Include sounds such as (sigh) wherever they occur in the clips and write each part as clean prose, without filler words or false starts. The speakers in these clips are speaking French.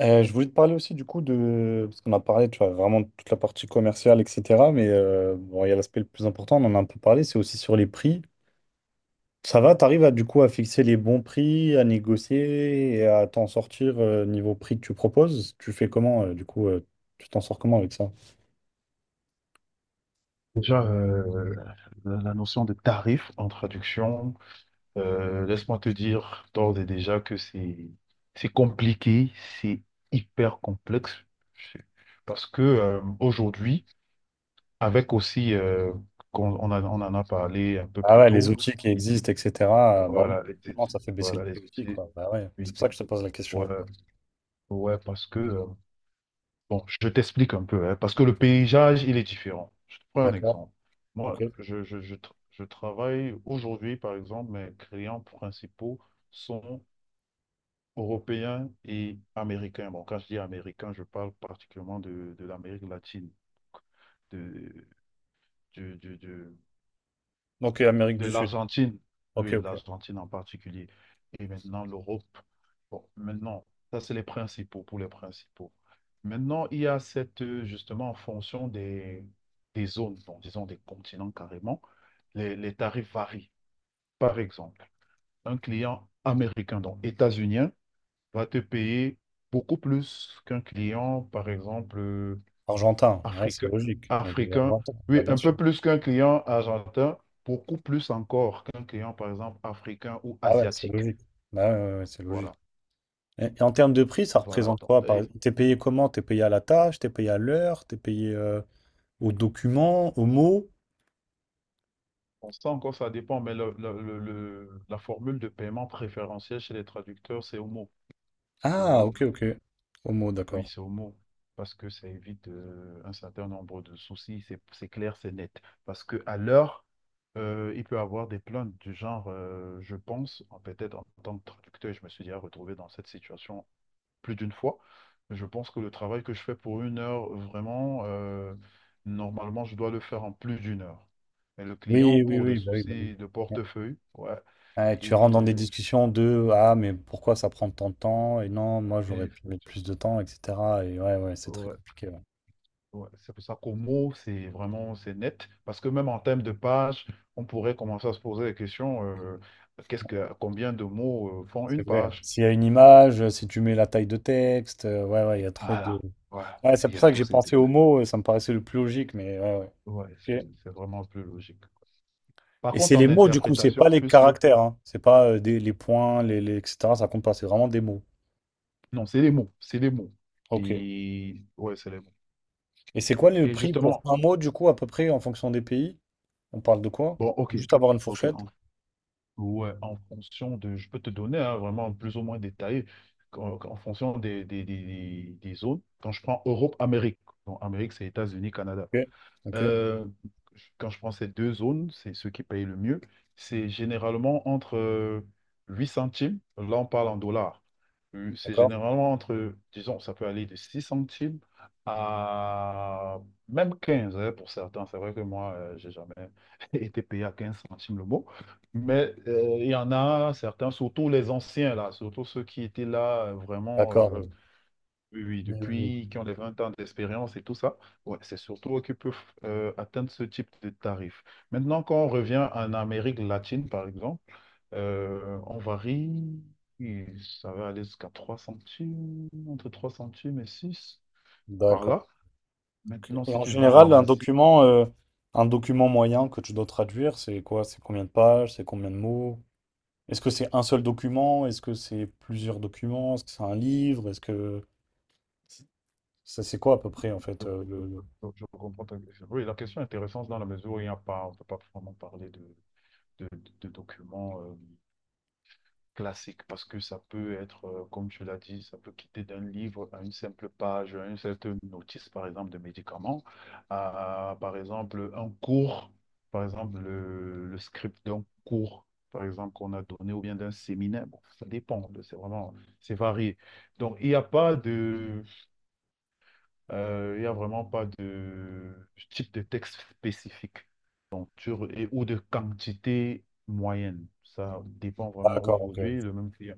Je voulais te parler aussi du coup parce qu'on a parlé, tu vois, vraiment de toute la partie commerciale, etc. Mais bon, il y a l'aspect le plus important, on en a un peu parlé, c'est aussi sur les prix. Ça va, t'arrives à du coup à fixer les bons prix, à négocier et à t'en sortir niveau prix que tu proposes. Tu fais comment du coup tu t'en sors comment avec ça? Déjà, la notion de tarif en traduction, laisse-moi te dire d'ores et déjà que c'est compliqué, c'est hyper complexe. C'est- Parce que aujourd'hui, avec aussi, on, on en a parlé un peu Ah plus ouais, les tôt. outils qui existent, etc. Bah oui, Voilà, les... forcément, ça fait baisser le Voilà, prix les aussi, outils. quoi. Bah ouais, c'est Oui, pour ça que je te pose la question. voilà. Ouais, parce que bon, je t'explique un peu, hein, parce que le paysage, il est différent. Je te prends un D'accord, exemple. Moi, ok. Je travaille aujourd'hui, par exemple, mes clients principaux sont européens et américains. Bon, quand je dis américains, je parle particulièrement de l'Amérique latine, de, du Donc, et Amérique de du Sud. l'Argentine. Ok, Oui, ok. l'Argentine en particulier, et maintenant l'Europe. Bon, maintenant, ça c'est les principaux, pour les principaux. Maintenant, il y a cette, justement, en fonction des zones, bon, disons des continents carrément, les tarifs varient. Par exemple, un client américain, donc états-unien, va te payer beaucoup plus qu'un client, par exemple, Argentin, ouais, c'est Africain, logique. Donc, africain. Argentin, Oui, bah bien un peu sûr. plus qu'un client argentin, beaucoup plus encore qu'un client, par exemple, africain ou Ah ouais, c'est asiatique. logique. Bah ouais, ouais, ouais, c'est logique. Voilà, Et en termes de prix, ça voilà. représente Donc, quoi, par et exemple? T'es payé comment? T'es payé à la tâche, t'es payé à l'heure, t'es payé au document, au mot? on sent encore, ça dépend, mais la formule de paiement préférentiel chez les traducteurs, c'est Homo, tu Ah, vois? ok, ok. Au mot, Oui, d'accord. c'est Homo, parce que ça évite un certain nombre de soucis, c'est clair, c'est net. Parce que à l'heure, il peut avoir des plaintes du genre, je pense, peut-être en tant que traducteur, je me suis déjà retrouvé dans cette situation plus d'une fois. Je pense que le travail que je fais pour une heure, vraiment, normalement, je dois le faire en plus d'une heure. Mais le client, Oui, oui, pour des oui, bah oui, bah oui. soucis de Ouais. portefeuille, ouais... Ouais, tu il rentres dans des te... discussions de ah mais pourquoi ça prend tant de temps et non moi j'aurais il pu fait- mettre plus de temps etc, et ouais, ouais, c'est très Ouais, compliqué, ouais. ouais. C'est pour ça qu'au mot, c'est vraiment, c'est net. Parce que même en termes de pages, on pourrait commencer à se poser la question, combien de mots font une C'est vrai, hein. page? S'il y a une image, si tu mets la taille de texte, ouais, ouais, il y a trop de Voilà, voilà. ouais, c'est Il pour y a ça que tous j'ai ces pensé au détails. mot, ça me paraissait le plus logique, mais ouais, Ouais, c'est ouais. c'est vraiment plus logique. Par Et c'est contre, les en mots, du coup, c'est pas interprétation, les puisque... caractères, hein. C'est pas des, les points, etc. Ça compte pas, c'est vraiment des mots. Non, c'est les mots, c'est les mots. Ok. Et Et ouais, c'est les mots. c'est quoi le Et prix pour justement, un mot, du coup, à peu près, en fonction des pays? On parle de quoi? bon, ok, Juste avoir une ok. fourchette. Ouais, en fonction de, je peux te donner hein, vraiment plus ou moins détaillé en, en fonction des zones. Quand je prends Europe, Amérique, donc Amérique, c'est États-Unis, Canada. Ok. Ok. Euh, Quand je prends ces deux zones, c'est ceux qui payent le mieux. C'est généralement entre 8 centimes, là on parle en dollars. C'est D'accord. généralement entre, disons, ça peut aller de 6 centimes à même 15 hein, pour certains. C'est vrai que moi, j'ai jamais (laughs) été payé à 15 centimes le mot. Mais il y en a certains, surtout les anciens là, surtout ceux qui étaient là vraiment D'accord. Oui, oui, oui, oui, oui. depuis qu'ils ont les 20 ans d'expérience et tout ça, ouais, c'est surtout eux qui peuvent atteindre ce type de tarif. Maintenant, quand on revient en Amérique latine, par exemple, on varie, et ça va aller jusqu'à 3 centimes, entre 3 centimes et 6 par D'accord. là. Maintenant, Et si en tu vas en général, Asie... un document moyen que tu dois traduire, c'est quoi? C'est combien de pages? C'est combien de mots? Est-ce que c'est un seul document? Est-ce que c'est plusieurs documents? Est-ce que c'est un livre? Est-ce que ça c'est quoi à peu près en fait je, je- je comprends ta question. Oui, la question est intéressante dans la mesure où il n'y a pas, on ne peut pas vraiment parler de, de documents classique, parce que ça peut être, comme tu l'as dit, ça peut quitter d'un livre à une simple page, à une certaine notice, par exemple, de médicaments, à, par exemple, un cours, par exemple, le script d'un cours, par exemple, qu'on a donné, ou bien d'un séminaire. Bon, ça dépend, c'est vraiment, c'est varié. Donc, il n'y a pas de, il y a vraiment pas de type de texte spécifique et, ou de quantité moyenne. Ça dépend vraiment D'accord, ok. aujourd'hui. Le même client...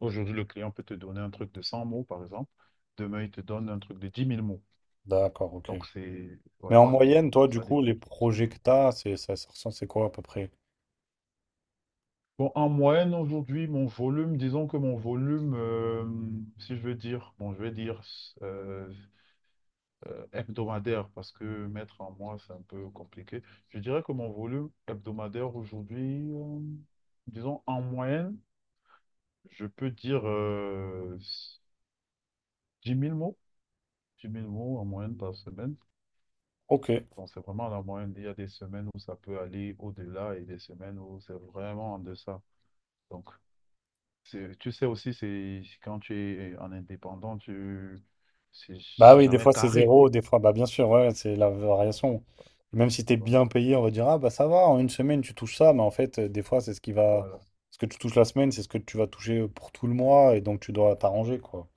aujourd'hui, le client peut te donner un truc de 100 mots, par exemple. Demain, il te donne un truc de 10 000 mots. D'accord, ok. Donc, c'est, Mais ouais, en ça moyenne, dépend. toi, du Ça coup, dépend les du besoin. projets que t'as, c'est ça, c'est quoi à peu près? Bon, en moyenne, aujourd'hui, mon volume, disons que mon volume, si je veux dire, bon, je vais dire euh, hebdomadaire, parce que mettre en mois, c'est un peu compliqué. Je dirais que mon volume hebdomadaire aujourd'hui, disons, en moyenne, je peux dire 10 000 mots. 10 000 mots en moyenne par semaine. Ok. Bon, c'est vraiment la moyenne. Il y a des semaines où ça peut aller au-delà et des semaines où c'est vraiment en deçà. Donc, tu sais aussi, c'est quand tu es en indépendant, tu... c'est Bah c'est oui, des jamais fois c'est carré. zéro, des fois, bah bien sûr, ouais, c'est la variation. Même si t'es Ouais, bien payé, on va dire, ah bah ça va, en une semaine tu touches ça, mais en fait, des fois c'est ce qui va, voilà. ce que tu touches la semaine, c'est ce que tu vas toucher pour tout le mois, et donc tu dois t'arranger, quoi.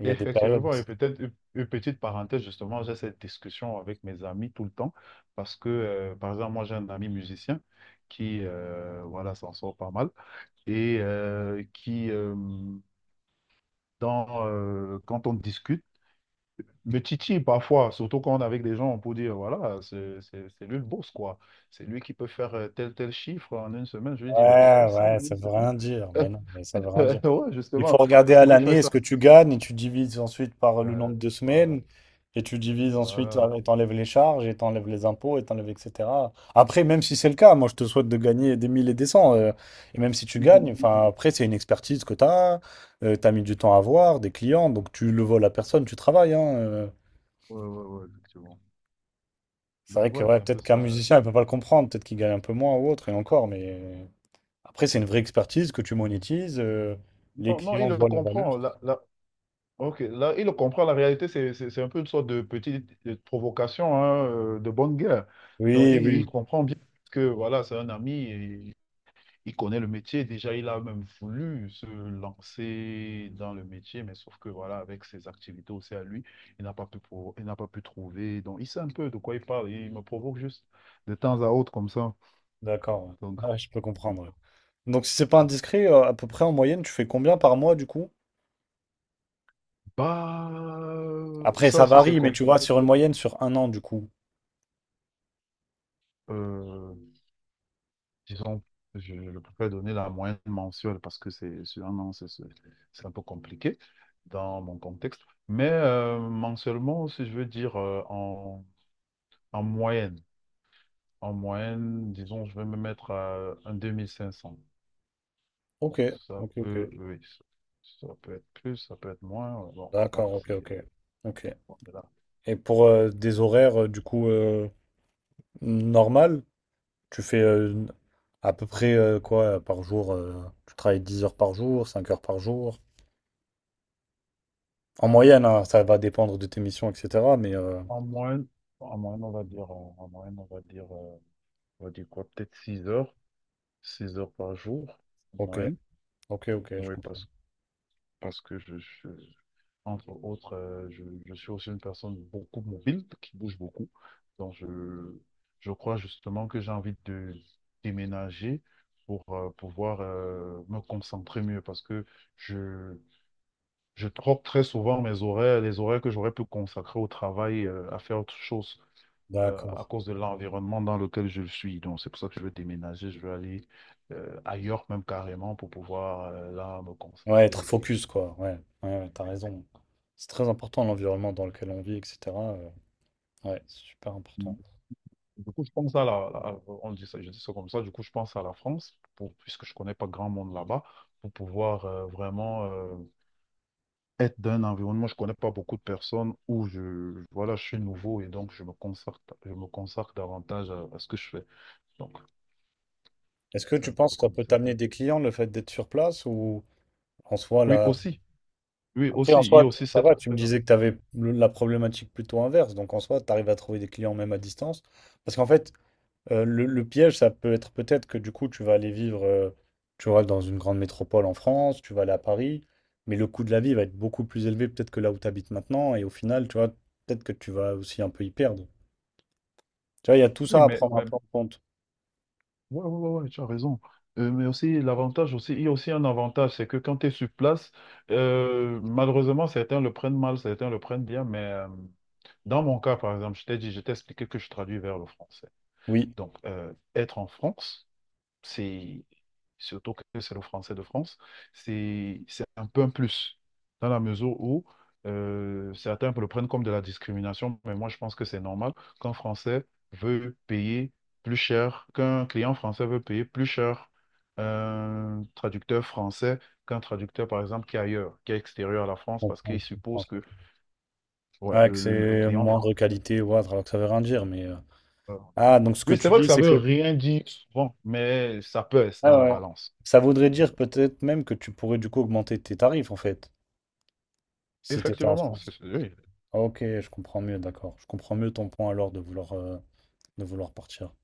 Il y Et a des périodes où effectivement, et peut-être une petite parenthèse, justement, j'ai cette discussion avec mes amis tout le temps, parce que, par exemple, moi, j'ai un ami musicien qui, voilà, s'en sort pas mal, et qui, quand on discute... Le titi, parfois, surtout quand on est avec des gens, on peut dire, voilà, c'est lui le boss, quoi. C'est lui qui peut faire tel chiffre en une semaine. Je lui dis, mais je fais Ouais, ça en ouais, ça une veut semaine. rien dire, mais non, mais ça veut rien dire. (laughs) Ouais, Il faut justement, regarder parce à que tu fais l'année ça. ce que tu gagnes et tu divises ensuite par Ouais, le nombre de voilà, semaines et tu divises ensuite voilà. Et t'enlèves les charges et t'enlèves les impôts et t'enlèves etc. Après, même si c'est le cas, moi je te souhaite de gagner des mille et des cents et même si tu gagnes, enfin Mhm. après c'est une expertise que tu as mis du temps à avoir, des clients, donc tu le voles à personne, tu travailles, hein. Ouais, ouais, ouais, effectivement. C'est vrai Donc, que ouais, ouais, c'est un peu peut-être qu'un ça. musicien il peut pas le comprendre, peut-être qu'il gagne un peu moins ou autre et encore, mais après c'est une vraie expertise que tu monétises, les Non, non, il clients le voient la valeur. comprend. Ok, là, il le comprend. La réalité, c'est un peu une sorte de petite provocation, hein, de bonne guerre. Donc, Oui, il oui. comprend bien que, voilà, c'est un ami. Et il connaît le métier, déjà il a même voulu se lancer dans le métier, mais sauf que voilà, avec ses activités aussi à lui, il n'a pas pu, il n'a pas pu trouver. Donc il sait un peu de quoi il parle, il me provoque juste de temps à autre comme ça. D'accord, Donc, ouais. Ouais, je peux comprendre, ouais. Donc, si c'est pas indiscret, à peu près en moyenne, tu fais combien par mois du coup? bah, Après, ça ça aussi c'est varie, mais tu vois, compliqué. sur une moyenne, sur un an du coup. Euh, Disons, je préfère donner la moyenne mensuelle parce que c'est sur un an, c'est un peu compliqué dans mon contexte. Mais mensuellement, si je veux dire en moyenne. En moyenne, disons, je vais me mettre à un 2 500. Ok, Bon, ça ok, ok. peut, oui, ça peut être plus, ça peut être moins. Bon, voilà, D'accord, ok, ok. c'est, Ok. on est là. Et pour des horaires, du coup, normal, tu fais à peu près quoi par jour tu travailles 10 heures par jour, 5 heures par jour. En moyenne, hein, ça va dépendre de tes missions, etc. Mais En moyenne, En moyenne, on va dire, en moyenne, on va dire quoi, peut-être 6 heures, 6 heures par jour, en ok, moyenne. ok, ok, je Oui, comprends. parce, parce que je, entre autres, je suis aussi une personne beaucoup mobile, qui bouge beaucoup. Donc, je crois justement que j'ai envie de déménager pour pouvoir me concentrer mieux, parce que je, je troque très souvent mes horaires, les horaires que j'aurais pu consacrer au travail, à faire autre chose, D'accord. à cause de l'environnement dans lequel je suis. Donc, c'est pour ça que je veux déménager, je veux aller ailleurs même carrément pour pouvoir là me Ouais, être concentrer. focus, quoi. Ouais, ouais, ouais, t'as raison. C'est très important l'environnement dans lequel on vit, etc. euh, ouais, c'est super important. Du coup, je pense à on dit ça, je dis ça comme ça, du coup, je pense à la France, pour, puisque je connais pas grand monde là-bas, pour pouvoir vraiment être dans un environnement, je connais pas beaucoup de personnes, où je, voilà, je suis nouveau, et donc je me consacre davantage à ce que je fais. Donc, Est-ce que c'est tu un peu penses que ça comme peut ça. t'amener des clients, le fait d'être sur place, ou en soi, Oui, là, aussi, oui, après, aussi, en il y soi, a aussi ça cet va, tu me aspect-là. disais que tu avais la problématique plutôt inverse. Donc, en soi, tu arrives à trouver des clients même à distance. Parce qu'en fait, le piège, ça peut être peut-être que du coup, tu vas aller vivre, tu vois, dans une grande métropole en France, tu vas aller à Paris, mais le coût de la vie va être beaucoup plus élevé peut-être que là où tu habites maintenant. Et au final, tu vois, peut-être que tu vas aussi un peu y perdre. Tu vois, il y a tout Oui, ça à prendre un mais peu en compte. ouais, ouais, ouais, ouais, tu as raison. Mais aussi, l'avantage aussi, il y a aussi un avantage, c'est que quand tu es sur place, malheureusement, certains le prennent mal, certains le prennent bien. Mais dans mon cas, par exemple, je t'ai dit, je t'ai expliqué que je traduis vers le français. Oui, Donc, être en France, c'est... surtout que c'est le français de France, c'est un peu un plus, dans la mesure où certains le prennent comme de la discrimination. Mais moi je pense que c'est normal qu'un Français veut payer plus cher, qu'un client français veut payer plus cher un traducteur français qu'un traducteur, par exemple, qui est ailleurs, qui est extérieur à la je France, parce comprends, qu'il je comprends. suppose que... ouais, Ouais, que le c'est client moindre français... qualité ou autre, alors que ça veut rien dire. Euh, euh. Ah, donc ce que Oui, c'est tu vrai que dis, ça c'est veut que. rien dire souvent, mais ça pèse Ah dans la ouais, ouais. balance. Ça voudrait dire peut-être même que tu pourrais du coup augmenter tes tarifs en fait, si tu étais en Effectivement, c'est, France. Oui. Ah, Ok, je comprends mieux, d'accord. Je comprends mieux ton point alors de vouloir, partir.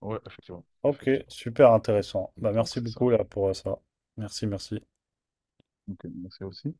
Ouais, effectivement. Ok, Effectivement. super intéressant. Bah, Donc, merci c'est ça. beaucoup là pour ça. Merci, merci. Ok, merci aussi.